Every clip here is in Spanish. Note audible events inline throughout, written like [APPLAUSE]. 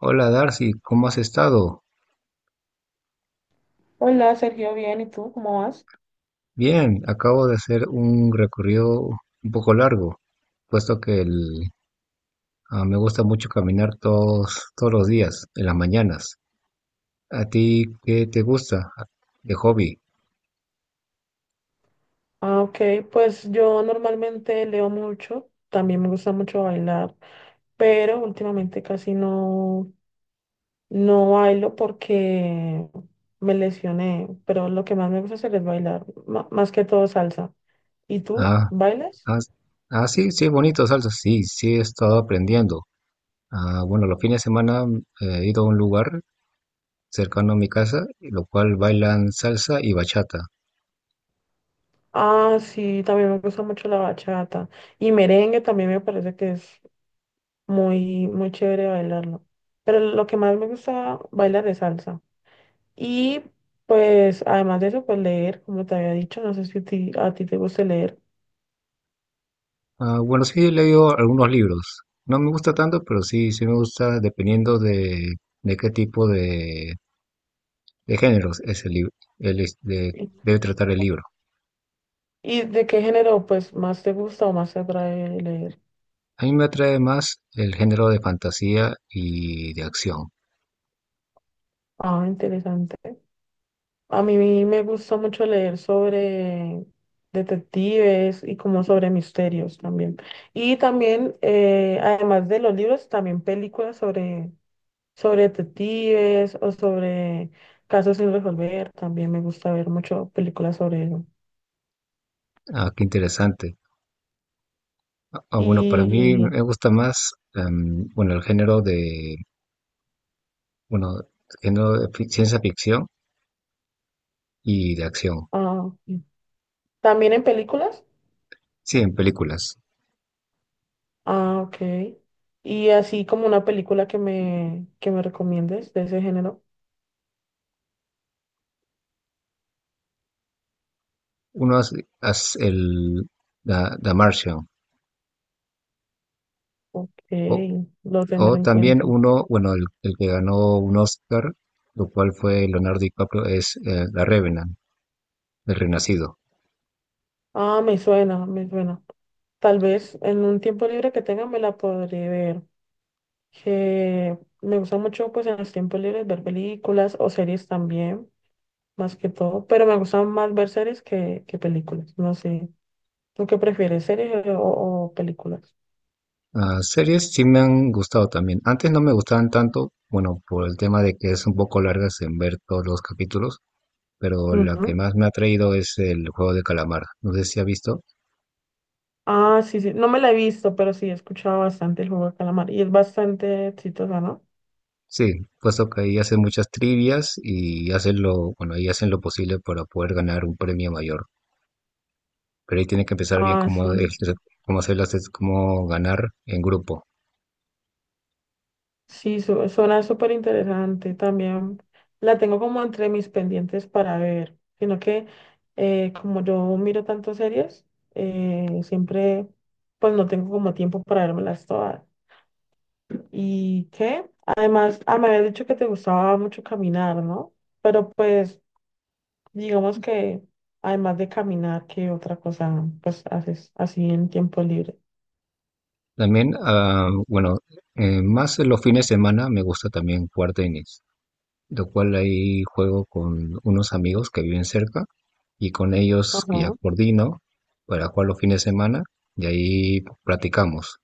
Hola Darcy, ¿cómo has estado? Hola, Sergio, bien, ¿y tú cómo vas? Bien, acabo de hacer un recorrido un poco largo, puesto que me gusta mucho caminar todos los días, en las mañanas. ¿A ti qué te gusta de hobby? Ah, ok, pues yo normalmente leo mucho, también me gusta mucho bailar, pero últimamente casi no, no bailo porque me lesioné, pero lo que más me gusta hacer es bailar, más que todo salsa. ¿Y tú Ah, bailas? ah, sí, sí, bonito, salsa. Sí, sí, he estado aprendiendo. Ah, bueno, los fines de semana he ido a un lugar cercano a mi casa, lo cual bailan salsa y bachata. Ah, sí, también me gusta mucho la bachata y merengue también me parece que es muy, muy chévere bailarlo, pero lo que más me gusta bailar es salsa. Y pues además de eso, pues leer, como te había dicho, no sé si a ti te gusta leer. Ah, bueno, sí he leído algunos libros. No me gusta tanto, pero sí, sí me gusta dependiendo de qué tipo de géneros es el libro, ¿Y debe tratar el libro. y de qué género pues más te gusta o más te atrae leer? A mí me atrae más el género de fantasía y de acción. Ah, interesante. A mí me gustó mucho leer sobre detectives y como sobre misterios también. Y también, además de los libros, también películas sobre, sobre detectives o sobre casos sin resolver. También me gusta ver mucho películas sobre eso. Ah, qué interesante. Ah, bueno, para mí Y me gusta más, bueno, el bueno, género de ciencia ficción y de acción. ah, ok, también en películas. Sí, en películas. Ah, ok. Y así como una película que me recomiendes de ese género. Uno hace The Martian. Ok, O lo tendré O en también cuenta. uno, bueno, el que ganó un Oscar, lo cual fue Leonardo DiCaprio, es La Revenant, El Renacido. Ah, me suena, me suena. Tal vez en un tiempo libre que tenga me la podré ver. Que me gusta mucho pues en los tiempos libres ver películas o series también, más que todo. Pero me gustan más ver series que películas. No sé. ¿Tú qué prefieres, series o películas? Ah, series sí me han gustado también. Antes no me gustaban tanto, bueno, por el tema de que es un poco largas en ver todos los capítulos, pero la que Ujú. más me ha traído es el juego de calamar. No sé si ha visto. Ah, sí, sí. No me la he visto, pero sí he escuchado bastante el juego de calamar. Y es bastante exitosa, ¿no? Sí, puesto que ahí hacen muchas trivias y hacen lo, bueno, ahí hacen lo posible para poder ganar un premio mayor. Pero ahí tiene que empezar bien Ah, cómo, sí. Cómo hacer las, cómo ganar en grupo. Sí, suena súper interesante. También la tengo como entre mis pendientes para ver, sino que como yo miro tantas series, siempre pues no tengo como tiempo para vérmelas todas. ¿Y qué? Además, me habías dicho que te gustaba mucho caminar, ¿no? Pero pues digamos que además de caminar, ¿qué otra cosa pues haces así en tiempo libre? También, ah, bueno, más en los fines de semana me gusta también jugar tenis, lo cual ahí juego con unos amigos que viven cerca y con ellos ya Ajá. coordino para jugar los fines de semana y ahí practicamos.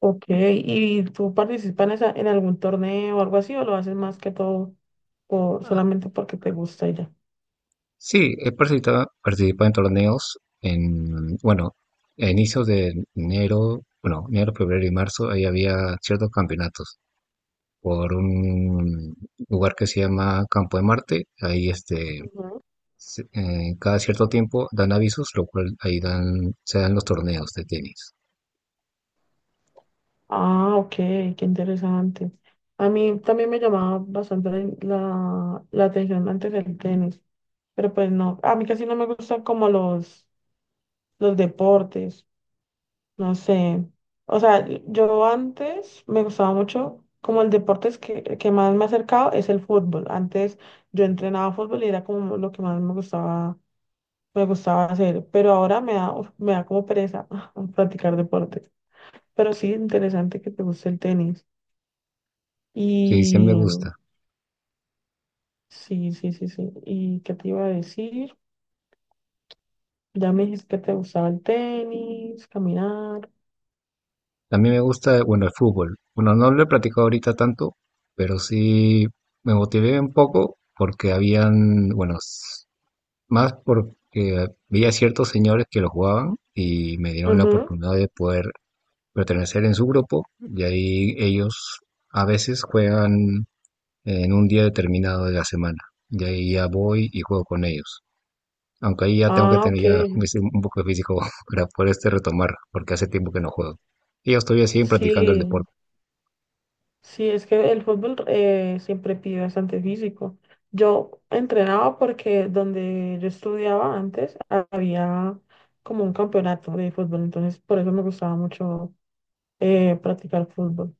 Ok, ¿y tú participas en algún torneo o algo así o lo haces más que todo Ah, solamente porque te gusta y ya? sí, he participado en torneos en, bueno, a inicios de enero, bueno, enero, febrero y marzo, ahí había ciertos campeonatos por un lugar que se llama Campo de Marte, ahí este Ujú. Cada cierto tiempo dan avisos, lo cual ahí dan, se dan los torneos de tenis. Ah, ok, qué interesante. A mí también me llamaba bastante la atención antes el tenis, pero pues no, a mí casi no me gustan como los deportes, no sé. O sea, yo antes me gustaba mucho, como el deporte es que más me ha acercado es el fútbol. Antes yo entrenaba fútbol y era como lo que más me gustaba hacer, pero ahora me da, uf, me da como pereza practicar deportes. Pero sí, interesante que te guste el tenis. Sí, sí Y me gusta. sí, sí, sí, sí. ¿Y qué te iba a decir? Ya me dijiste que te gustaba el tenis, caminar. También me gusta, bueno, el fútbol. Bueno, no lo he practicado ahorita tanto, pero sí me motivé un poco porque habían, bueno, más porque veía ciertos señores que lo jugaban y me dieron la Ujú. oportunidad de poder pertenecer en su grupo y ahí ellos a veces juegan en un día determinado de la semana. Y ahí ya voy y juego con ellos. Aunque ahí ya tengo que Ah, tener ok. ya un poco de físico [LAUGHS] para poder este retomar, porque hace tiempo que no juego. Y yo estoy así practicando el Sí, deporte. sí, es que el fútbol siempre pide bastante físico. Yo entrenaba porque donde yo estudiaba antes había como un campeonato de fútbol, entonces por eso me gustaba mucho practicar fútbol.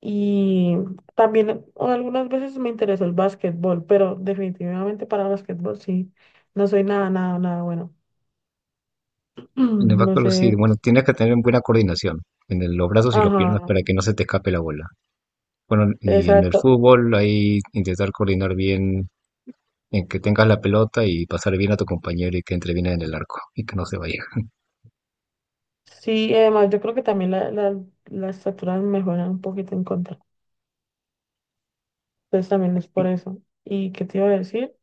Y también algunas veces me interesó el básquetbol, pero definitivamente para básquetbol sí, no soy nada, nada, nada bueno. En el [CLEARS THROAT] No backpedal sé, sí, bueno, tienes que tener buena coordinación en los brazos y las ajá, piernas para que no se te escape la bola. Bueno, y en el exacto. fútbol ahí intentar coordinar bien en que tengas la pelota y pasar bien a tu compañero y que entre bien en el arco y que no se vaya. Sí, y además yo creo que también las estatura me juegan un poquito en contra. Entonces también es por eso. ¿Y qué te iba a decir?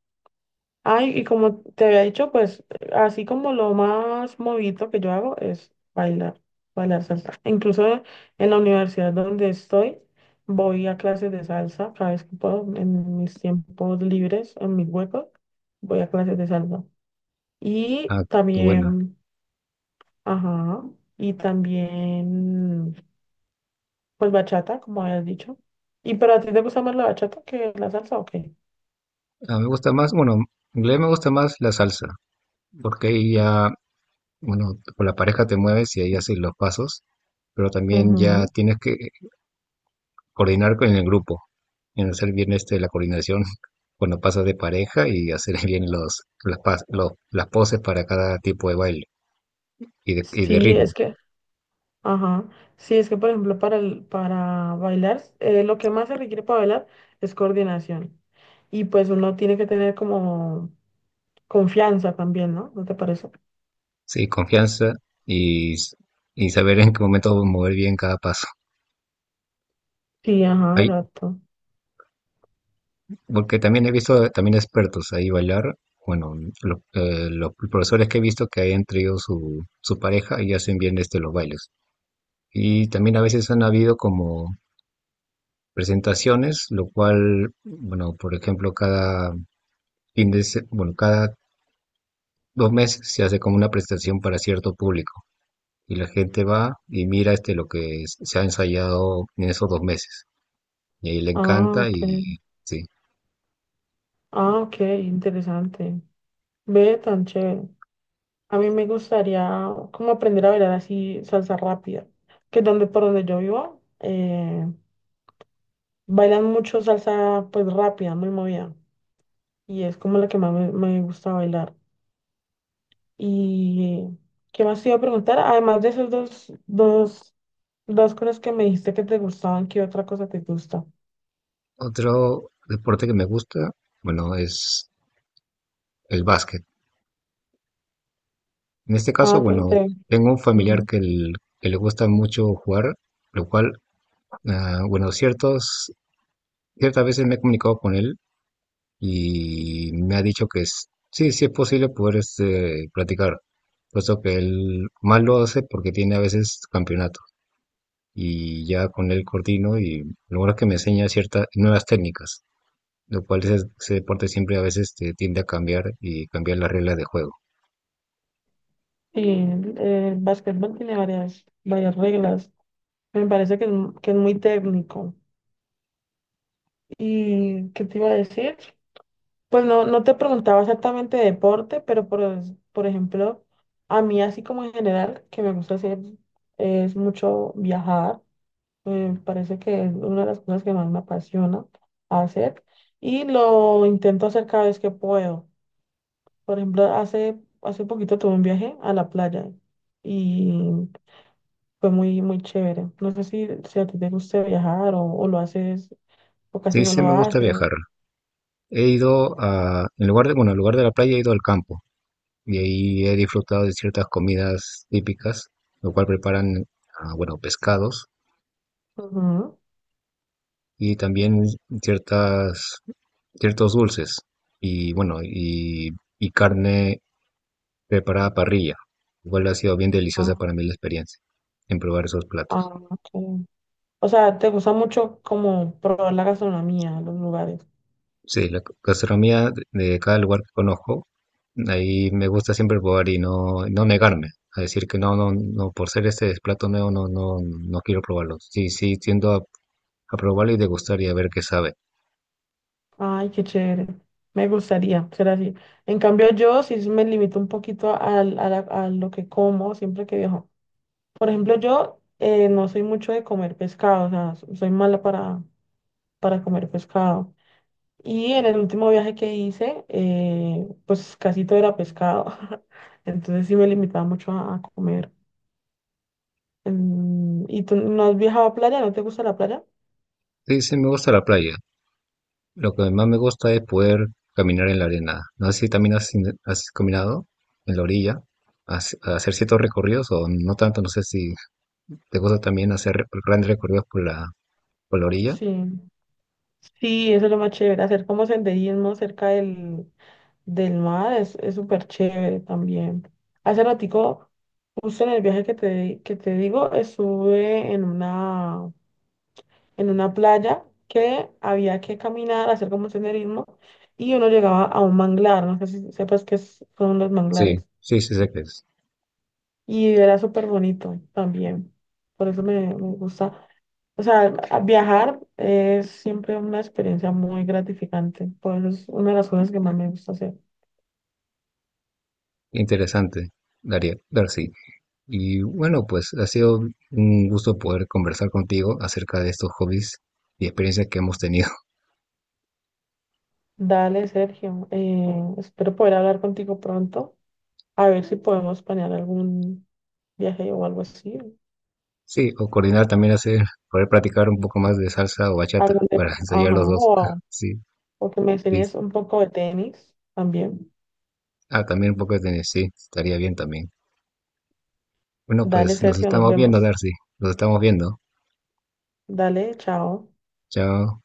Ay, y como te había dicho, pues así como lo más movido que yo hago es bailar, bailar salsa. Incluso en la universidad donde estoy, voy a clases de salsa cada vez que puedo, en mis tiempos libres, en mis huecos, voy a clases de salsa. Y Ah, qué bueno. también, ajá, y también, pues bachata, como habías dicho. ¿Y pero a ti te gusta más la bachata que la salsa o qué? A mí me gusta más, bueno, en realidad me gusta más la salsa, porque ahí ya, bueno, con la pareja te mueves y ahí haces los pasos, pero también ya Ujú. tienes que coordinar con el grupo, en hacer bien este, la coordinación [LAUGHS] cuando pasas de pareja y hacer [LAUGHS] bien los, las, pas- los- las poses para cada tipo de baile y de Sí, ritmo. es que... Ajá. Sí, es que por ejemplo para bailar, lo que más se requiere para bailar es coordinación. Y pues uno tiene que tener como confianza también, ¿no? ¿No te parece? Sí, confianza y, s- y saber en qué momento mover bien cada paso. Sí, ajá, Ahí, exacto. porque también he visto también expertos ahí bailar. Bueno, los profesores que he visto que hayan traído su pareja y hacen bien este, los bailes. Y también a veces han habido como presentaciones, lo cual, bueno, por ejemplo, cada fin de se- bueno, cada dos meses se hace como una presentación para cierto público y la gente va y mira este lo que se ha ensayado en esos dos meses y ahí le Ah, encanta ok. y sí. Ah, ok, interesante. Ve tan chévere. A mí me gustaría como aprender a bailar así salsa rápida, que es donde por donde yo vivo bailan mucho salsa pues rápida, muy movida, y es como la que más me gusta bailar. ¿Y qué más te iba a preguntar? Además de esas dos cosas que me dijiste que te gustaban, ¿qué otra cosa te gusta? Otro deporte que me gusta, bueno, es el básquet. En este caso, Ah, te, bueno, te- tengo un familiar ujú. Que le gusta mucho jugar, lo cual, ah, bueno, ciertas veces me he comunicado con él y me ha dicho sí, sí es posible poder este, practicar, puesto que él más lo hace porque tiene a veces campeonato y ya con él coordino y lo bueno es que me enseña ciertas nuevas técnicas, lo cual ese deporte siempre a veces te tiende a cambiar y cambiar las reglas de juego. Sí, el básquetbol tiene varias, varias reglas. Me parece que es, que es muy técnico. ¿Y qué te iba a decir? Pues no, no te preguntaba exactamente de deporte, pero por ejemplo, a mí así como en general, que me gusta hacer es mucho viajar. Me parece que es una de las cosas que más me apasiona hacer y lo intento hacer cada vez que puedo. Por ejemplo, hace, hace poquito tuve un viaje a la playa y fue muy, muy chévere. No sé si, si a ti te gusta viajar o lo haces o casi Sí, no sí lo me gusta haces. viajar. He en lugar de la playa he ido al campo y ahí he disfrutado de ciertas comidas típicas, lo cual preparan, ah, bueno, pescados Ujú. y también ciertas, ciertos dulces y y carne preparada a parrilla. Igual ha sido bien deliciosa Ah, para mí la experiencia en probar esos platos. ah, ok. O sea, te gusta mucho como probar la gastronomía, los lugares. Sí, la gastronomía de cada lugar que conozco, ahí me gusta siempre probar y no, no negarme a decir que no, no, no, por ser este plato nuevo no, no, no quiero probarlo. Sí, sí, tiendo a probarlo y degustar y a ver qué sabe. Ay, qué chévere. Me gustaría ser así. En cambio, yo sí me limito un poquito a lo que como siempre que viajo. Por ejemplo, yo no soy mucho de comer pescado, o sea, soy mala para comer pescado. Y en el último viaje que hice, pues casi todo era pescado. [LAUGHS] Entonces sí me limitaba mucho a comer. Mm, ¿y tú no has viajado a playa? ¿No te gusta la playa? Sí, sí, me gusta la playa. Lo que más me gusta es poder caminar en la arena. No sé si también has caminado en la orilla, a hacer ciertos recorridos o no tanto. No sé si te gusta también hacer grandes recorridos por por la orilla. Sí. Sí, eso es lo más chévere, hacer como senderismo cerca del, del mar es súper chévere también. Hace ratico, justo en el viaje que te digo, estuve en una playa que había que caminar, hacer como senderismo, y uno llegaba a un manglar, no sé si sepas son los Sí, manglares, sí, sí, sé que es y era súper bonito también, por eso me, me gusta. O sea, viajar es siempre una experiencia muy gratificante, por eso es una de las cosas que más me gusta hacer. interesante, Daría, Darcy. Y bueno, pues ha sido un gusto poder conversar contigo acerca de estos hobbies y experiencias que hemos tenido. [LAUGHS] Dale, Sergio, espero poder hablar contigo pronto. A ver si podemos planear algún viaje o algo así. Sí, o coordinar también hacer, poder practicar un poco más de salsa o bachata para [LAUGHS] ensayar los Ajá, dos. [LAUGHS] Sí, o que me sí, enseñes un poco de tenis también. ah, también un poco de tenis, sí, estaría bien también. Bueno, Dale, pues nos Sergio, nos estamos viendo, vemos. Darcy. Nos estamos viendo. Dale, chao. Chao.